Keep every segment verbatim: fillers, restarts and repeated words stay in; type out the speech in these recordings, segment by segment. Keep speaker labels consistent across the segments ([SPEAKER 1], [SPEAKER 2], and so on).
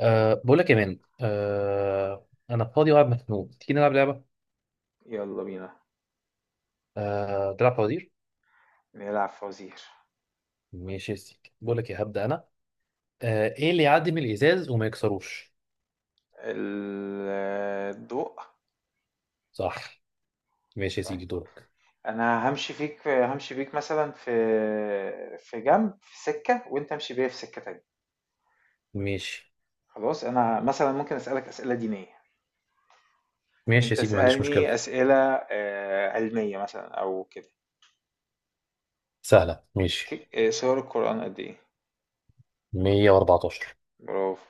[SPEAKER 1] أه بقول لك يا مان، أه انا فاضي وقاعد مخنوق، تيجي نلعب لعبه؟
[SPEAKER 2] يلا بينا.
[SPEAKER 1] أه تلعب فوازير.
[SPEAKER 2] نلعب فوازير.
[SPEAKER 1] ماشي يا سيدي، بقول لك يا هبدا انا. أه ايه اللي يعدي من الازاز وما يكسروش؟
[SPEAKER 2] ال- الضوء.
[SPEAKER 1] صح. ماشي يا
[SPEAKER 2] طيب،
[SPEAKER 1] سيدي دورك.
[SPEAKER 2] انا همشي فيك، همشي بيك مثلا في في جنب، في سكة وانت امشي بيا في سكة تانية.
[SPEAKER 1] ماشي.
[SPEAKER 2] خلاص، انا مثلا ممكن اسألك اسئلة دينية.
[SPEAKER 1] ماشي
[SPEAKER 2] انت
[SPEAKER 1] يا سيدي، ما عنديش مشكله.
[SPEAKER 2] اسألني اسئلة آه، علمية مثلا او كده.
[SPEAKER 1] سهله. ماشي.
[SPEAKER 2] ك- آه، سور القرآن قد ايه؟
[SPEAKER 1] مائة وأربعة عشر.
[SPEAKER 2] برافو.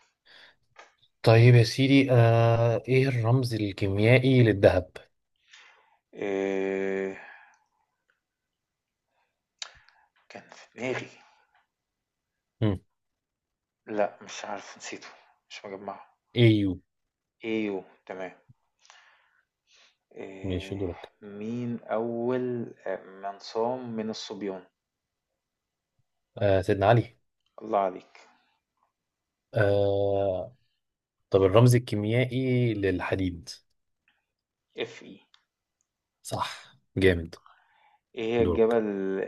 [SPEAKER 1] طيب يا سيدي، أه ايه الرمز الكيميائي للذهب؟
[SPEAKER 2] آه، كان في دماغي.
[SPEAKER 1] هم.
[SPEAKER 2] لا مش عارف، نسيته، مش مجمعه.
[SPEAKER 1] اي يو.
[SPEAKER 2] ايوه تمام.
[SPEAKER 1] ماشي
[SPEAKER 2] آه،
[SPEAKER 1] دورك.
[SPEAKER 2] مين أول آه، من صام من الصبيان؟
[SPEAKER 1] أه سيدنا علي.
[SPEAKER 2] الله عليك.
[SPEAKER 1] أه. طب الرمز الكيميائي للحديد؟
[SPEAKER 2] اف اي.
[SPEAKER 1] صح جامد.
[SPEAKER 2] ايه هي الجبل؟
[SPEAKER 1] دورك.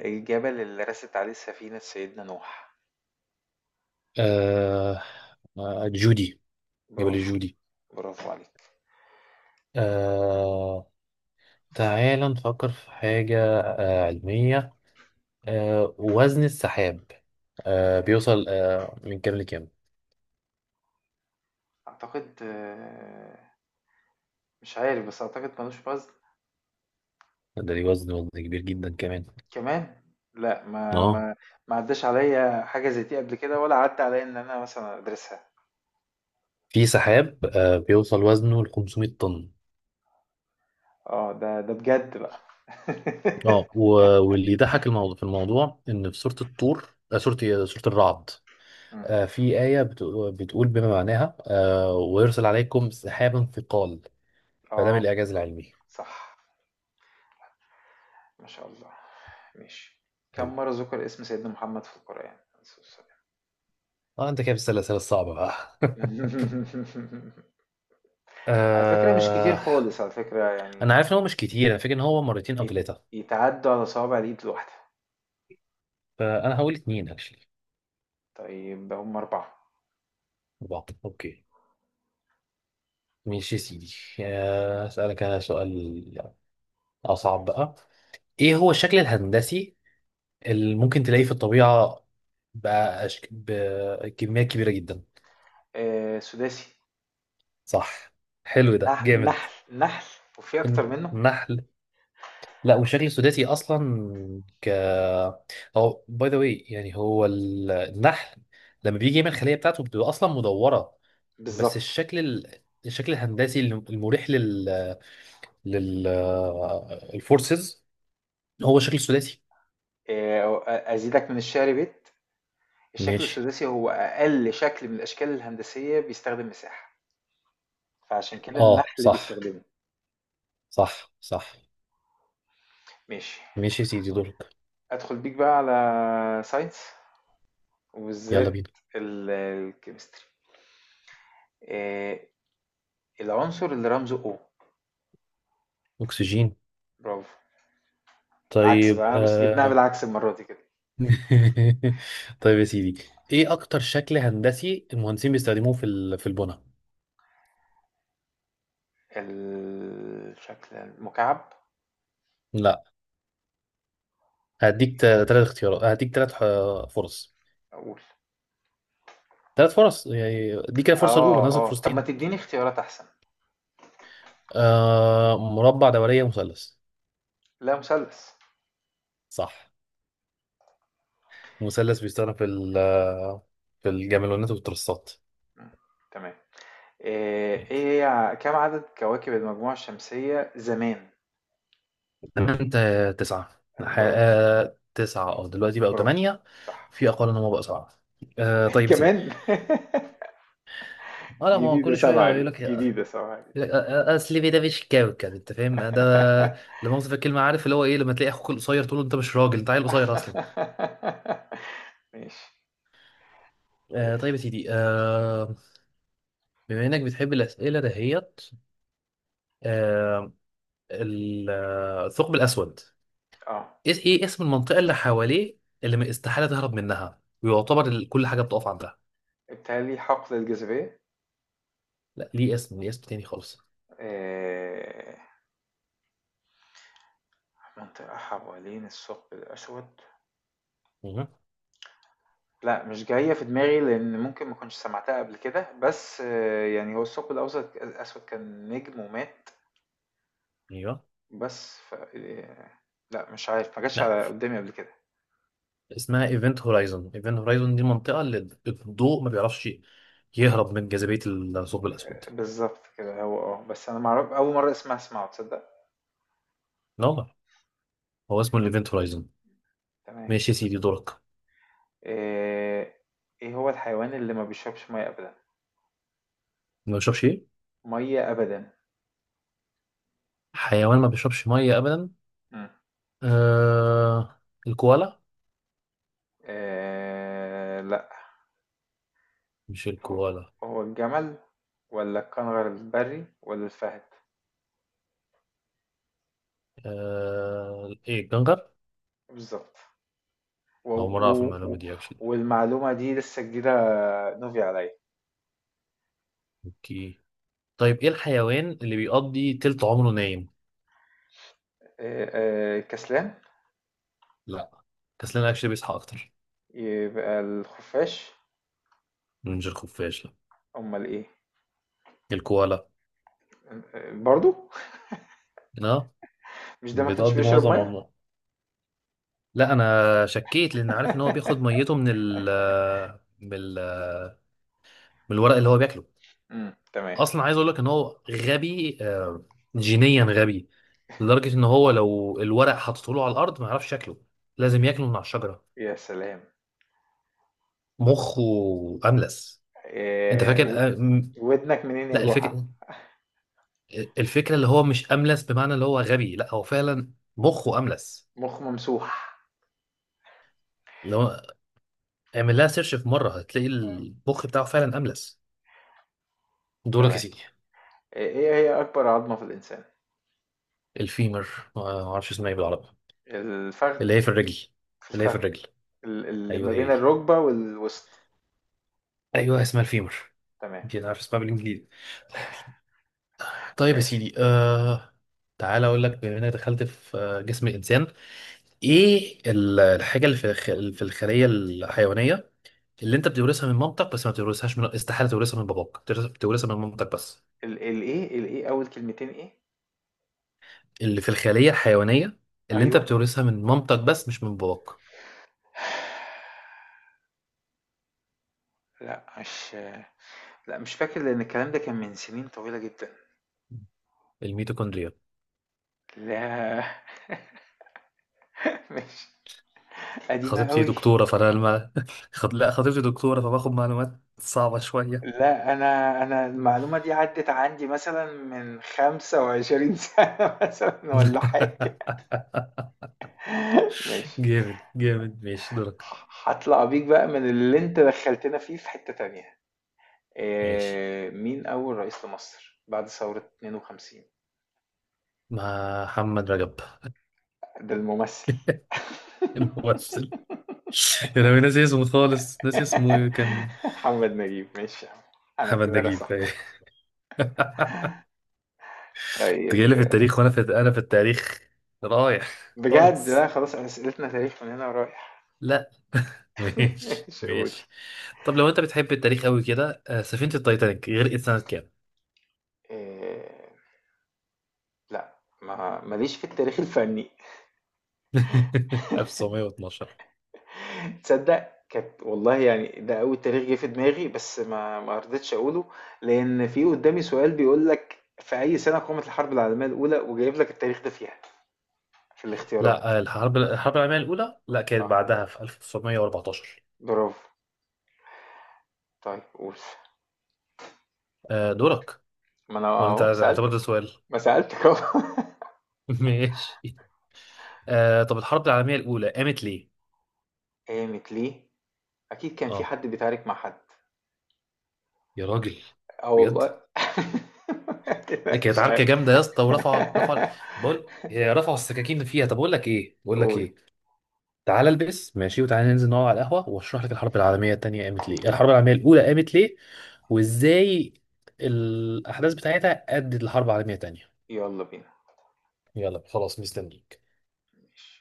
[SPEAKER 2] الجبل اللي رست عليه سفينة سيدنا نوح.
[SPEAKER 1] آه. آه، جودي. جبل
[SPEAKER 2] برافو.
[SPEAKER 1] الجودي.
[SPEAKER 2] برافو عليك.
[SPEAKER 1] آه. تعال نفكر في حاجة آه علمية. آه وزن السحاب. آه بيوصل آه من كام لكام؟
[SPEAKER 2] أعتقد آه، مش عارف، بس أعتقد ملوش وزن.
[SPEAKER 1] ده ليه وزن، وزن كبير جدا كمان.
[SPEAKER 2] كمان؟ لا، ما
[SPEAKER 1] اه.
[SPEAKER 2] ما ما عداش عليا حاجة زي دي قبل كده، ولا عدى عليا إن أنا مثلا أدرسها.
[SPEAKER 1] في سحاب آه بيوصل وزنه ل خمسمية طن.
[SPEAKER 2] اه ده ده بجد بقى.
[SPEAKER 1] اه، و- واللي يضحك الموضوع في الموضوع ان في سورة الطور، آه سورة إيه؟ سورة الرعد.
[SPEAKER 2] مم.
[SPEAKER 1] آه، في آية بتقول بتقول بما معناها آه ويرسل عليكم سحابا ثقال. فده من
[SPEAKER 2] اه
[SPEAKER 1] الإعجاز العلمي.
[SPEAKER 2] صح. ما شاء الله. ماشي. كم مرة ذُكر اسم سيدنا محمد في القرآن؟ عليه الصلاة والسلام.
[SPEAKER 1] اه انت كده بتسأل الأسئلة الصعبة بقى.
[SPEAKER 2] على فكرة مش كتير
[SPEAKER 1] آه...
[SPEAKER 2] خالص، على فكرة
[SPEAKER 1] انا
[SPEAKER 2] يعني.
[SPEAKER 1] عارف ان هو مش كتير، انا فاكر ان هو مرتين او
[SPEAKER 2] يت
[SPEAKER 1] ثلاثة.
[SPEAKER 2] يتعدّوا على صوابع الإيد الواحدة.
[SPEAKER 1] فانا هقول اتنين اكشلي
[SPEAKER 2] طيب هُم أربعة.
[SPEAKER 1] بعض. اوكي ماشي يا سيدي. آه، اسألك انا سؤال اصعب بقى. ايه هو الشكل الهندسي اللي ممكن تلاقيه في الطبيعة بقى أشك... بكميات كبيرة جدا؟
[SPEAKER 2] آآ سداسي.
[SPEAKER 1] صح. حلو ده
[SPEAKER 2] نح
[SPEAKER 1] جامد.
[SPEAKER 2] نحل، نحل. وفي أكتر منه؟
[SPEAKER 1] النحل. لا، والشكل السوداتي اصلا. ك هو باي ذا واي، يعني هو ال- النحل لما بيجي يعمل الخليه بتاعته بتبقى اصلا مدوره، بس
[SPEAKER 2] بالضبط.
[SPEAKER 1] الشكل ال... الشكل الهندسي الم- المريح لل لل الفورسز هو شكل سوداتي.
[SPEAKER 2] آآ أ أزيدك من الشعر بيت، الشكل
[SPEAKER 1] ماشي.
[SPEAKER 2] السداسي هو أقل شكل من الأشكال الهندسية بيستخدم مساحة، فعشان كده
[SPEAKER 1] اه
[SPEAKER 2] النحل
[SPEAKER 1] صح،
[SPEAKER 2] بيستخدمه.
[SPEAKER 1] صح صح.
[SPEAKER 2] ماشي.
[SPEAKER 1] ماشي يا سيدي دورك.
[SPEAKER 2] أدخل بيك بقى على science،
[SPEAKER 1] يلا
[SPEAKER 2] وبالذات
[SPEAKER 1] بينا.
[SPEAKER 2] ال- الكيمستري. آه، العنصر اللي رمزه O؟
[SPEAKER 1] اكسجين.
[SPEAKER 2] برافو. العكس بقى،
[SPEAKER 1] طيب
[SPEAKER 2] أنا بس جبناها
[SPEAKER 1] آه...
[SPEAKER 2] بالعكس المرة دي كده.
[SPEAKER 1] طيب يا سيدي، ايه اكتر شكل هندسي المهندسين بيستخدموه في ال... في البناء؟
[SPEAKER 2] الشكل المكعب.
[SPEAKER 1] لا. هديك ثلاث اختيارات، هديك ثلاث فرص
[SPEAKER 2] أقول.
[SPEAKER 1] ثلاث فرص، يعني دي كده الفرصة الأولى
[SPEAKER 2] اه
[SPEAKER 1] نازل
[SPEAKER 2] اه، طب ما
[SPEAKER 1] فرصتين.
[SPEAKER 2] تديني اختيارات أحسن.
[SPEAKER 1] آه، مربع، دورية، مثلث.
[SPEAKER 2] لا مثلث.
[SPEAKER 1] صح. مثلث بيستخدم في ال- آه، في الجاملونات والترسات.
[SPEAKER 2] مم، تمام. آه، ايه هي ع- كم عدد كواكب المجموعة الشمسية زمان؟
[SPEAKER 1] تمام انت. تسعة، ح-
[SPEAKER 2] برافو.
[SPEAKER 1] آه، تسعة، اه دلوقتي بقوا
[SPEAKER 2] برافو.
[SPEAKER 1] ثمانية.
[SPEAKER 2] صح.
[SPEAKER 1] في أقل إن هم بقوا سبعة. آه طيب يا سيدي.
[SPEAKER 2] كمان؟
[SPEAKER 1] اه لا، ما هو
[SPEAKER 2] جديدة
[SPEAKER 1] كل
[SPEAKER 2] سبعة
[SPEAKER 1] شوية
[SPEAKER 2] دي،
[SPEAKER 1] يقول لك يقول
[SPEAKER 2] جديدة سبعة دي.
[SPEAKER 1] لك، آه، آه، أصل ده مش كوكب، أنت فاهم ده؟ لما أوصف الكلمة، عارف اللي هو إيه؟ لما تلاقي أخوك القصير تقول له أنت مش راجل، أنت عيل قصير أصلا.
[SPEAKER 2] ماشي.
[SPEAKER 1] آه
[SPEAKER 2] وش؟
[SPEAKER 1] طيب يا سيدي، آه بما انك بتحب الاسئله دهيت، آه، ال- آه، الثقب الاسود.
[SPEAKER 2] اه.
[SPEAKER 1] ايه إيه اسم المنطقه اللي حواليه، اللي ما استحاله تهرب منها، ويعتبر ال- كل حاجه بتقف عندها؟
[SPEAKER 2] بالتالي حقل الجاذبية.
[SPEAKER 1] لا، ليه اسم، ليه اسم تاني خالص.
[SPEAKER 2] آه، منطقة حوالين الثقب الأسود.
[SPEAKER 1] مهم.
[SPEAKER 2] لا مش جاية في دماغي، لأن ممكن ما كنتش سمعتها قبل كده، بس آه، يعني هو الثقب الأوسط الأسود كان نجم ومات.
[SPEAKER 1] ايوه.
[SPEAKER 2] بس ف... آه، لا مش عارف، ما جاتش
[SPEAKER 1] لا،
[SPEAKER 2] على قدامي قبل كده.
[SPEAKER 1] اسمها ايفنت هورايزون. ايفنت هورايزون دي المنطقه اللي الضوء ما بيعرفش يهرب من جاذبيه الثقب الاسود.
[SPEAKER 2] بالظبط كده هو، اه، بس أنا معرف أول مرة اسمها اسمعه، تصدق.
[SPEAKER 1] لا والله، هو اسمه الايفنت هورايزون.
[SPEAKER 2] تمام.
[SPEAKER 1] ماشي يا سيدي دورك.
[SPEAKER 2] آه، إيه هو الحيوان اللي ما بيشربش مية أبدا؟
[SPEAKER 1] ما بيشربش ايه؟
[SPEAKER 2] مية أبدا.
[SPEAKER 1] حيوان ما بيشربش ميه ابدا؟
[SPEAKER 2] مم.
[SPEAKER 1] آه، الكوالا.
[SPEAKER 2] آه، لا.
[SPEAKER 1] مش
[SPEAKER 2] هو
[SPEAKER 1] الكوالا؟
[SPEAKER 2] هو الجمل، ولا الكنغر البري، ولا الفهد.
[SPEAKER 1] آه، ايه الكنغر.
[SPEAKER 2] بالظبط. و...
[SPEAKER 1] او مرة اعرف
[SPEAKER 2] و...
[SPEAKER 1] المعلومة
[SPEAKER 2] و...
[SPEAKER 1] دي اكشلي.
[SPEAKER 2] والمعلومة دي لسه جديدة. نوفي عليا.
[SPEAKER 1] اوكي. طيب ايه الحيوان اللي بيقضي تلت عمره نايم؟
[SPEAKER 2] آه، آه، كسلان.
[SPEAKER 1] لا، كسلان اكشلي بيصحى اكتر.
[SPEAKER 2] يبقى الخفاش.
[SPEAKER 1] مش الخفاش، لا.
[SPEAKER 2] امال ايه؟
[SPEAKER 1] الكوالا.
[SPEAKER 2] آه، برضو؟
[SPEAKER 1] اه.
[SPEAKER 2] مش ده ما كانش
[SPEAKER 1] بتقضي
[SPEAKER 2] بيشرب
[SPEAKER 1] معظم
[SPEAKER 2] ميه؟
[SPEAKER 1] عمره. لا انا شكيت لان عارف ان هو بياخد ميته من ال من ال من الورق اللي هو بياكله.
[SPEAKER 2] امم تمام.
[SPEAKER 1] اصلا عايز اقول لك ان هو غبي، آه، جينيا غبي، لدرجة ان هو لو الورق حطيته له على الارض ما يعرفش شكله، لازم ياكله من على الشجرة.
[SPEAKER 2] يا سلام.
[SPEAKER 1] مخه املس. انت
[SPEAKER 2] آه، و-
[SPEAKER 1] فاكر؟ أ- م-
[SPEAKER 2] ودنك منين يا
[SPEAKER 1] لا،
[SPEAKER 2] جحا.
[SPEAKER 1] الفكرة، الفكرة اللي هو مش املس بمعنى اللي هو غبي، لا هو فعلا مخه املس.
[SPEAKER 2] مخ ممسوح.
[SPEAKER 1] لو اعمل لها سيرش في مرة هتلاقي المخ بتاعه فعلا املس. دورك
[SPEAKER 2] تمام.
[SPEAKER 1] يا سيدي.
[SPEAKER 2] آه، ايه هي اكبر عظمة في الانسان؟
[SPEAKER 1] الفيمر. ما اعرفش اسمها ايه بالعربي.
[SPEAKER 2] الفخذ.
[SPEAKER 1] اللي هي في الرجل.
[SPEAKER 2] في
[SPEAKER 1] اللي هي في
[SPEAKER 2] الفخذ.
[SPEAKER 1] الرجل.
[SPEAKER 2] ال- اللي
[SPEAKER 1] ايوه
[SPEAKER 2] ما
[SPEAKER 1] هي
[SPEAKER 2] بين
[SPEAKER 1] دي.
[SPEAKER 2] الركبة والوسط.
[SPEAKER 1] ايوه اسمها الفيمر.
[SPEAKER 2] تمام.
[SPEAKER 1] يمكن عارف اسمها بالانجليزي. طيب يا
[SPEAKER 2] ماشي.
[SPEAKER 1] سيدي آه. تعالى اقول لك بما انك دخلت في آه، جسم الانسان، ايه ال- الحاجه اللي في الخ- في الخليه الحيوانيه اللي انت بتورثها من مامتك بس، ما بتورثهاش من استحاله تورثها من باباك، بتورث- بتورثها من مامتك بس؟
[SPEAKER 2] ال الإيه الإيه أول كلمتين إيه؟
[SPEAKER 1] اللي في الخليه الحيوانيه اللي انت
[SPEAKER 2] أيوه.
[SPEAKER 1] بتورثها من مامتك بس مش من باباك.
[SPEAKER 2] لأ مش لأ مش فاكر، لأن الكلام ده كان من سنين طويلة جدًا.
[SPEAKER 1] الميتوكوندريا.
[SPEAKER 2] لا. مش قديمة
[SPEAKER 1] خطيبتي
[SPEAKER 2] أوي.
[SPEAKER 1] دكتوره فانا لما خط... لا خطيبتي دكتوره فباخد معلومات صعبه شويه.
[SPEAKER 2] لأ، أنا أنا المعلومة دي عدِّت عندي مثلًا من خمسة وعشرين سنة، مثلًا والّا حاجة. ماشي.
[SPEAKER 1] جامد جامد. ماشي دورك.
[SPEAKER 2] ه هاطلع بيك بقى من اللي أنت دخّلتنا فيه في حتة تانية.
[SPEAKER 1] ماشي.
[SPEAKER 2] آآ مين أول رئيس لمصر بعد ثورة اتنين وخمسين؟
[SPEAKER 1] محمد رجب.
[SPEAKER 2] ده الممثل.
[SPEAKER 1] الممثل. انا ناسي اسمه خالص، ناسي اسمه. إيه، كان.
[SPEAKER 2] محمد نجيب، ماشي يا عم. انا
[SPEAKER 1] محمد
[SPEAKER 2] اعتبرها
[SPEAKER 1] نجيب.
[SPEAKER 2] صح.
[SPEAKER 1] انت
[SPEAKER 2] طيب.
[SPEAKER 1] جاي لي في التاريخ، وانا في انا في التاريخ رايح
[SPEAKER 2] بجد لا،
[SPEAKER 1] خالص.
[SPEAKER 2] خلاص اسئلتنا تاريخ من هنا ورايح.
[SPEAKER 1] لا ماشي
[SPEAKER 2] ماشي، اقول.
[SPEAKER 1] ماشي. طب لو انت بتحب التاريخ قوي كده، آه، سفينة التايتانيك غرقت سنة كام؟
[SPEAKER 2] إيه... لا، ما ماليش في التاريخ الفني.
[SPEAKER 1] ألف وتسعمائة واثنا عشر.
[SPEAKER 2] تصدق كانت والله، يعني ده اول تاريخ جه في دماغي، بس ما ما رضيتش اقوله، لان في قدامي سؤال بيقول لك في اي سنه قامت الحرب العالميه الاولى، وجايب لك التاريخ ده فيها في الاختيارات.
[SPEAKER 1] لا آه، الحرب الحرب العالمية الأولى لا، كانت
[SPEAKER 2] اه.
[SPEAKER 1] بعدها في ألف وتسعمائة وأربعة عشر.
[SPEAKER 2] برافو. طيب قول.
[SPEAKER 1] آه، دورك.
[SPEAKER 2] ما انا
[SPEAKER 1] ولا انت
[SPEAKER 2] اهو
[SPEAKER 1] اعتبر ده
[SPEAKER 2] سالتك.
[SPEAKER 1] سؤال؟
[SPEAKER 2] ما سالتك اهو.
[SPEAKER 1] ماشي. آه، طب الحرب العالمية الأولى قامت ليه؟
[SPEAKER 2] قامت ليه؟ أكيد كان في
[SPEAKER 1] اه،
[SPEAKER 2] حد بيتعارك مع حد.
[SPEAKER 1] يا راجل.
[SPEAKER 2] آه
[SPEAKER 1] بجد؟
[SPEAKER 2] والله
[SPEAKER 1] إيه، كانت
[SPEAKER 2] مش عارف.
[SPEAKER 1] عركه جامده يا اسطى، ورفع رفع بقول هي رفعوا السكاكين اللي فيها. طب اقول لك ايه، بقول لك
[SPEAKER 2] قُل.
[SPEAKER 1] ايه، تعالى البس ماشي، وتعالى ننزل نقعد على القهوه واشرح لك الحرب العالميه الثانيه قامت ليه، الحرب العالميه الاولى قامت ليه، وازاي الاحداث بتاعتها ادت لحرب عالميه ثانيه.
[SPEAKER 2] يالّا بينا.
[SPEAKER 1] يلا خلاص مستنيك.
[SPEAKER 2] ماشي.